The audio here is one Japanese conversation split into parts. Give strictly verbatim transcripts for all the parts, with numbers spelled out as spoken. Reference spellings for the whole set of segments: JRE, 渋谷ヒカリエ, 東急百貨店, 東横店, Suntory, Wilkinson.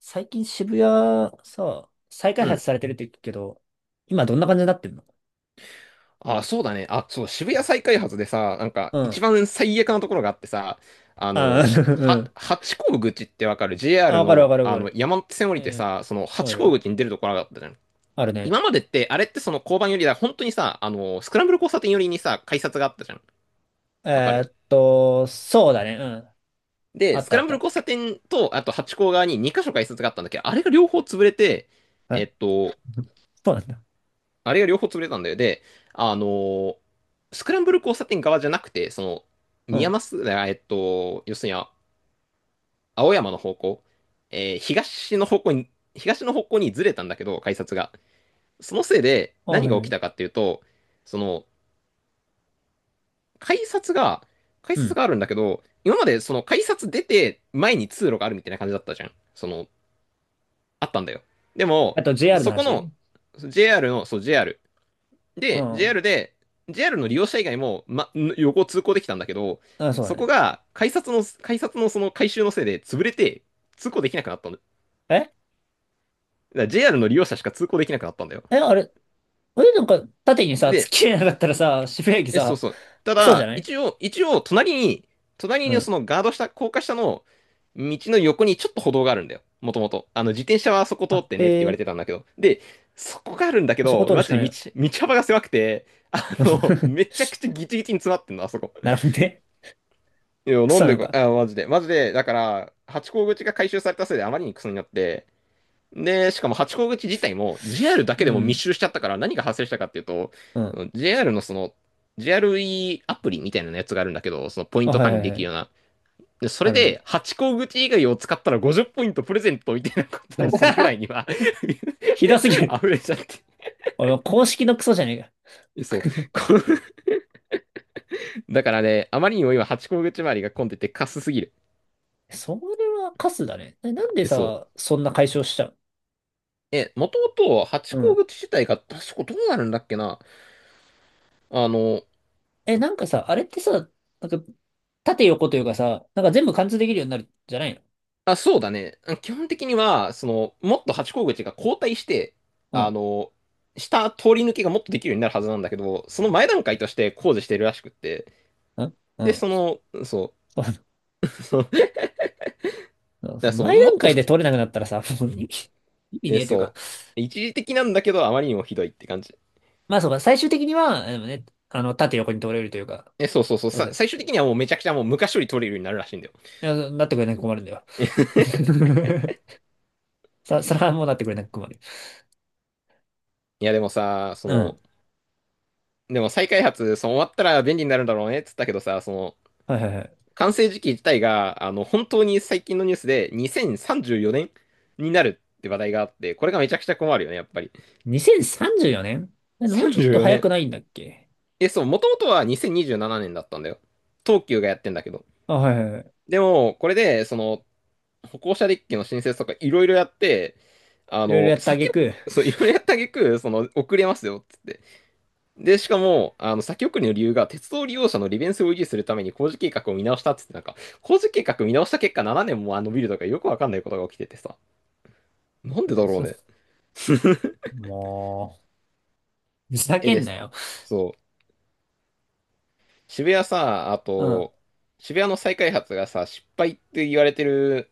最近渋谷さ、再開う発ん。されてるって言うけど、今どんな感じになってんの？あ、そうだね。あ、そう、渋谷再開発でさ、なんか、う一ん。番最悪なところがあってさ、あああ、の、うは、ん。八甲口ってわかる？ あ、ジェイアール わかるわの、かるあわかの、る。山手線降うりてん。さ、その、わか八る甲よ。口に出るところがあったじゃん。あるね。今までって、あれってその交番寄りだ、本当にさ、あの、スクランブル交差点寄りにさ、改札があったじゃん。わかえる？ーっと、そうだね。うん。あで、っスクたあラっンブたあルっ交た。差点と、あと八甲側にに箇所改札があったんだけど、あれが両方潰れて、え、 えっと、そうなんだ。あれが両方潰れたんだよ。で、あのースクランブル交差点側じゃなくて、その、う宮ん。益、あえっと、要するにあ青山の方向、えー東の方向に、東の方向にずれたんだけど、改札が。そのせいであ、何はがい起はきい。たかっていうと、その、改札が、改う札ん。があるんだけど、今までその改札出て前に通路があるみたいな感じだったじゃん。その、あったんだよ。でも、あと ジェイアール のそこの、話。 JR の、そう、ジェイアール、うで、ん。JR で、JR の利用者以外も、ま、横通行できたんだけど、あ、そうそだこね。が、改札の、改札のその改修のせいで潰れて、通行できなくなったんだ。だかええ、ら ジェイアール の利用者しか通行できなくなったんだよ。あれあれなんか縦にさ、突っで、切れなかったらさ、渋谷駅え、そうさ、そう。たクソじゃだ、ない？一応、一応、隣に、隣うにん。そのガード下、高架下の道の横にちょっと歩道があるんだよ。もともと。あの、自転車はそこ通あ、ってへねって言わえ。れてたんだけど。で、そこがあるんだけそこど、通るマしジかでない道、の？道幅が狭くて、あの、め ちゃくちゃギチギチに詰まってんの、あそこ。なるほどね。いや、クなソんなでのか、か。あ、マジで。マジで、だから、ハチ公口が回収されたせいであまりにクソになって、で、しかもハチ公口自体も ジェイアール だけうでも密ん。集しちゃったから何が発生したかっていうと、うそん。の ジェイアール のその、ジェイアールイー アールイーアプリみたいなやつがあるんだけど、そのポインあ、トは管い理はいではきるようい。な。で、それあるのに。で、ハチ公口以外を使ったらごじゅうポイントプレゼントみたいなことをするぐらいに は ひどすぎ る。溢れちゃって。あの公式のクソじゃねえか。そう。こうだからね、あまりにも今、ハチ公口周りが混んでてカスすぎる。それはカスだね。え、なんでそう。さ、そんな解消しちゃう？え、もともとハチうん。口自体が確かどうなるんだっけな。あの、え、なんかさ、あれってさ、なんか、縦横というかさ、なんか全部貫通できるようになるじゃないの？あ、そうだね。基本的には、その、もっとハチ公口が後退して、うあん。の、下通り抜けがもっとできるようになるはずなんだけど、その前段階として工事してるらしくって。うん。うで、ん。その、そ う、そう、だかそうそらのそう、前も段っと、階で取れなくなったらさ、もう意味、意味ねえ、えというか。そう、一時的なんだけど、あまりにもひどいって感じ。まあそうか、最終的には、でもね、あの、縦横に取れるというか、え、そうそうそう、どうさ、せ、い最終的にはもうめちゃくちゃもう昔より取れるようになるらしいんだよ。やなってくれなく困るんだよ。さ、それはもうなってくれなく困る。いや、でもさ、そうん。の、でも再開発、その終わったら便利になるんだろうねっつったけどさ、その、はいはいはい。完成時期自体が、あの、本当に最近のニュースでにせんさんじゅうよねんになるって話題があって、これがめちゃくちゃ困るよね、やっぱり。にせんさんじゅうよねん？もうちょっ34と早年。くないんだっけ？え、そう、もともとはにせんにじゅうななねんだったんだよ。東急がやってんだけど。あ、はいはいはい。でも、これで、その、歩行者デッキの申請とかいろいろやって、あいろいろの、やった挙先を、句、そう、いろいろやった挙句、その、遅れますよ、っつって。で、しかも、あの、先送りの理由が、鉄道利用者の利便性を維持するために工事計画を見直したっつって、なんか、工事計画見直した結果ななねんもあのビルとかよくわかんないことが起きててさ。なんでえだー、ろうそね。う、もう、ふざえ、けでんなす。よ。そう。渋谷さ、あうん。と、渋谷の再開発がさ、失敗って言われてる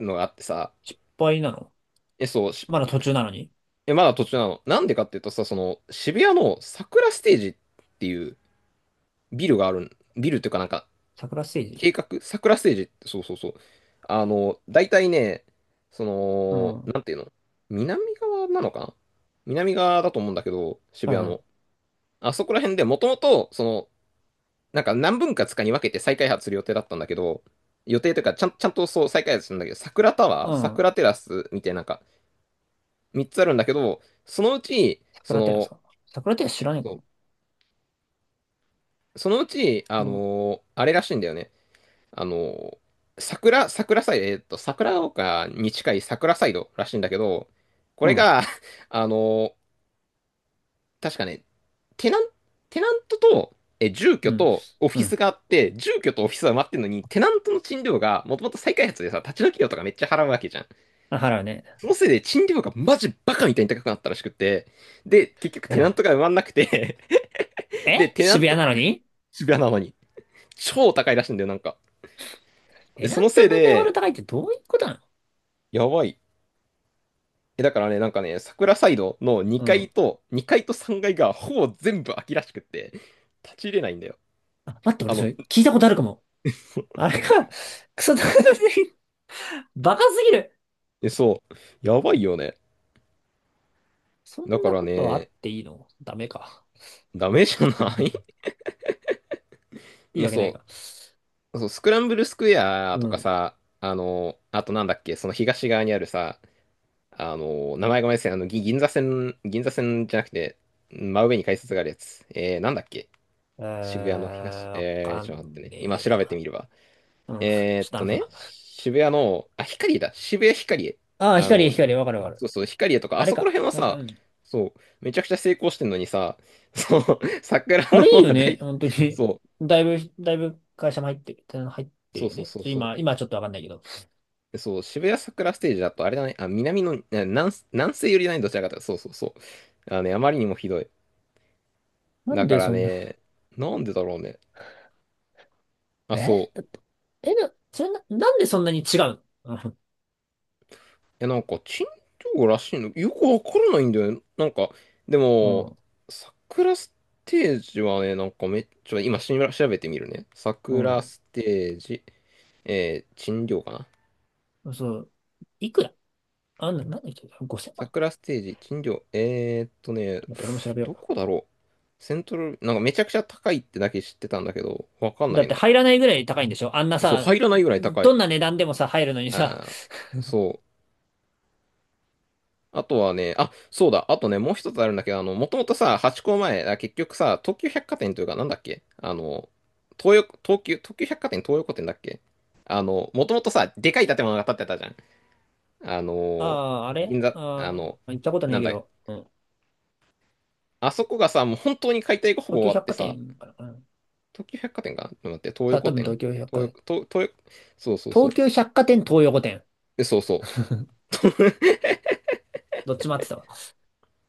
のがあってさ、失敗なの？え、そう、しまだ途中なのに。え、まだ途中なの。なんでかっていうとさ、その、渋谷の桜ステージっていうビルがあるん、ビルっていうかなんか、桜ステージ？計画、桜ステージって、そうそうそう。あの、大体ね、そうの、ん。はなんていうの、南側なのかな、南側だと思うんだけど、い渋谷はい。の。あそこら辺でもともと、その、なんか何分割かに分けて再開発する予定だったんだけど、予定というか、ちゃん、ちゃんとそう再開発するんだけど、桜タうワー、ん。桜テラスみたいな、なんかみっつあるんだけど、そのうち、そ桜テラスかの、な。桜テラス知らねえかそうも。そのうち、うあん。のーあれらしいんだよね。あの、桜、桜サイド、えーっと、桜丘に近い桜サイドらしいんだけど、こうれん。が、あの、確かね、テナン、テナントと、え、住う居ん。とオフうィスん。があって、住居とオフィスは埋まってるのに、テナントの賃料が、もともと再開発でさ、立ち退き料とかめっちゃ払うわけじゃん。あ、払うね。そのせいで賃料がマジバカみたいに高くなったらしくって、で、結局 うテナントん。が埋まんなくて え、で、テナン渋谷なト、のに、渋谷なのに、超高いらしいんだよ、なんか。テえナそンのトせい問題ほどで、高いってどういうことなの？やばい。え、だからね、なんかね、桜サイドの2う階ん。と、にかいとさんがいがいがほぼ全部空きらしくって、立ち入れないんだよ。あ、待って、俺あその、れ聞いたことあるかも。あれか、クソ高い、バカすぎる。え、そう、やばいよね。そだんかならことあっね、ていいの？ダメか。ダメじゃない？ いいえ、わけないそか。う、そう、スクランブルスクエアうとかん。さ、あの、あとなんだっけ、その東側にあるさ、あの、名前がごめんなさい、あの、ぎ銀座線、銀座線じゃなくて、真上に改札があるやつ。えー、なんだっけ、え渋谷の東、ー、わえかー、ちょっと待ってんね。今ねえ調べてな。みれば。うん。ちょっえーとっと頼むね、な。渋谷の、あ、ヒカリエだ、渋谷ヒカリエ。ああ、あ光、の、光、わかるわかる。そうそう、ヒカリエとか、ああれそこら辺か。はあれか。うさ、ん。そう、めちゃくちゃ成功してんのにさ、そう、桜あのれ方いいよはね。大、本当に。そう、だいぶ、だいぶ会社も入ってる。入ってそるうよそうね。そうちょそ今、う。今はちょっとわかんないけど。でそう、渋谷桜ステージだと、あれだね、あ、南の、な南、南西寄りだね、どちらかというと、そうそうそう。あのね、あまりにもひどい。なんだかでらそんな、ね、なんでだろうね。あ、え、そう。だって、え、な、それな、なんでそんなに違うの？え、なんか、珍道らしいの、よくわからないんだよね。なんか、でうも、ん。桜ステージはね、なんかめっちゃ、今しら調べてみるね。う桜ん。ステージ、えー、珍道かな。うん、そう。いくら？あ、な、なんだっけ？ ごせんまん、ちょ桜ステージ、珍道、えーっとっね、と待って俺も調べよどう。こだろう。セントル、なんかめちゃくちゃ高いってだけ知ってたんだけど、わかんだなっいてな。入らないぐらい高いんでしょ、あんなそう、さ、入らないぐらい高どい。んな値段でもさ、入るのにあさ、あ、そう。あとはね、あ、そうだ、あとね、もう一つあるんだけど、あの、もともとさ、ハチ公前、あ結局さ、東急百貨店というか、なんだっけ、あの、東横、東急、東急百貨店東横店だっけ、あの、もともとさ、でかい建物が建ってたじゃん。あ あの、あ、あれ、銀座、あああの、ー、行ったことないなんけだ、ど、うん。あそこがさ、もう本当に解体がほ東ぼ終急わっ百て貨さ、店かな。うん、東急百貨店かな、ちょっと待って、東さあ、多横分店、東急百東貨店。横、東、東、そうそうそ東う。急百貨店、東横店。でそうそう。どっちも合ってたわ。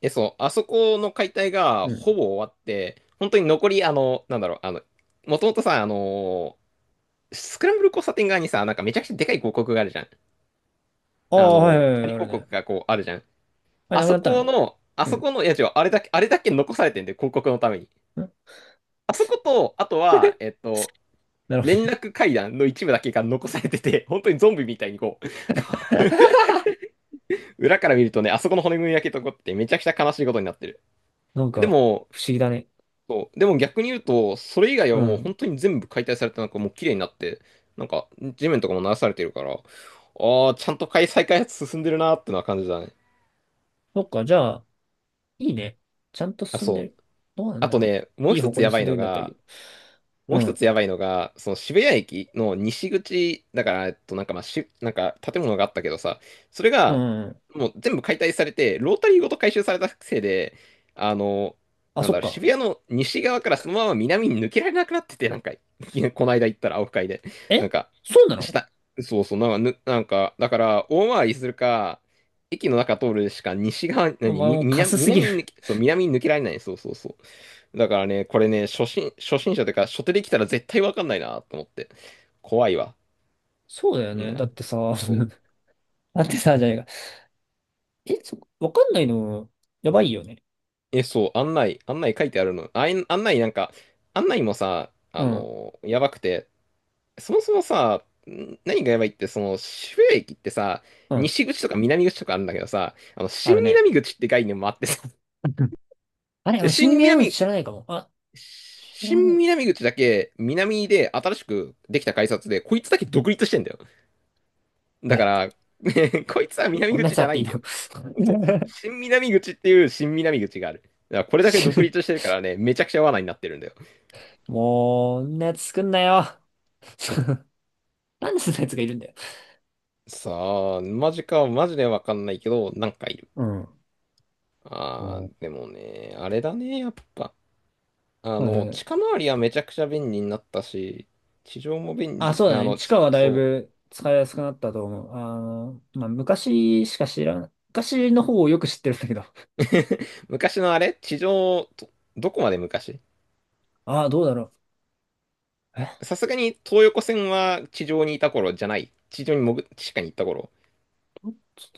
え、そう、あそこの解体がうん。ほぼ終わって、本当に残り、あの、なんだろう、あの、もともとさ、あの、スクランブル交差点側にさ、なんかめちゃくちゃでかい広告があるじゃん。あああ、はいはの、い張はりい、ある広ね。告がこうあるじゃん。あれ、あなくそなったの？この、あうそこん。の、いや違う、あれだけ、あれだけ残されてんで、広告のために。うん。 あそこと、あとは、えっと、なるほど連ね。絡階段の一部だけが残されてて、本当にゾンビみたいにこう、裏から見るとね、あそこの骨組みだけ残っててめちゃくちゃ悲しいことになってる。なんでか、も、不思議だね。そう。でも逆に言うと、それ以外うはもうん。本当に全部解体されて、なんかもう綺麗になって、なんか地面とかも鳴らされてるから、ああ、ちゃんと再開発進んでるなーってのは感じだね。そっか、じゃあ、いいね。ちゃんとあ、進んでそる。う。どうなんあだとろう。ね、もういい一方つ向やにば進んいでのるんだったらいいが、けもど。うう一ん。つやばいのが、その渋谷駅の西口、だから、えっと、なんかまあし、なんか建物があったけどさ、それうんが、うんうん。もう全部解体されて、ロータリーごと回収されたせいで、あの、あ、なんそだっろう、渋か。谷の西側からそのまま南に抜けられなくなってて、なんか、この間行ったら、青深いで、なんえ、か、そうなの？下、そうそう、なんか、ぬなんか、だから、大回りするか、駅の中通るしか西側、お何、前み、もうカ南、スすぎる。南に抜け、そう、南に抜けられない、そうそうそう。だからね、これね、初心、初心者というか、初手で来たら絶対わかんないなと思って。怖いわ。そうだようね。だん。ってさ、そう。だってさ、じゃねえか。え、そ、わかんないの、やばいよね。え、そう、案内、案内書いてあるの。あい、案内なんか、案内もさ、うあん、のーやばくて、そもそもさ、ん何がやばいって、その、渋谷駅ってさ、うん、西口とか南口とかあるんだけどさ、あの、あ新るね。南口って概念もあってさ、うん。あでれ、死に新目合う南、知らないかも。あ、知らな新い。南口だけ南で新しくできた改札で、こいつだけ独立してんだよ。だかえ、ら、ねこいつは南こんなや口つじあゃっなていいいんだの？ よ。そう。新南口っていう新南口がある。だからこれだけ独立してるからね、めちゃくちゃ罠になってるんだよ。もう、こんなやつ作んなよ。なんでそんなやつがいるんだよ。さあ、マジか、マジでわかんないけど、なんかいる。うん。うあん、ー、でもね、あれだね、やっぱ。あはいの、はい。近回りはめちゃくちゃ便利になったし、地上も便あ、利、そうだあね。の、地ち下はだいそう。ぶ使いやすくなったと思う。あの、まあ、昔しか知らん。昔の方をよく知ってるんだけど。昔のあれ地上、ど、どこまで昔ああ、どうだろう。え、さすがに東横線は地上にいた頃じゃない。地上に潜、地下に行った頃。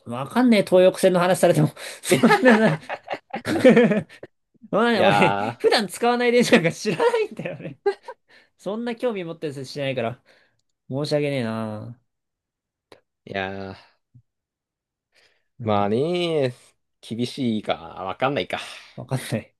わかんねえ、東横線の話されても。そんなな、そんないね、俺、や普段使わない電車なんか知らないんだよね。そんな興味持ってる人しないから。申し訳ねえな。ー、いやー。うまん、あね、厳しいか、わかんないか。わかんない。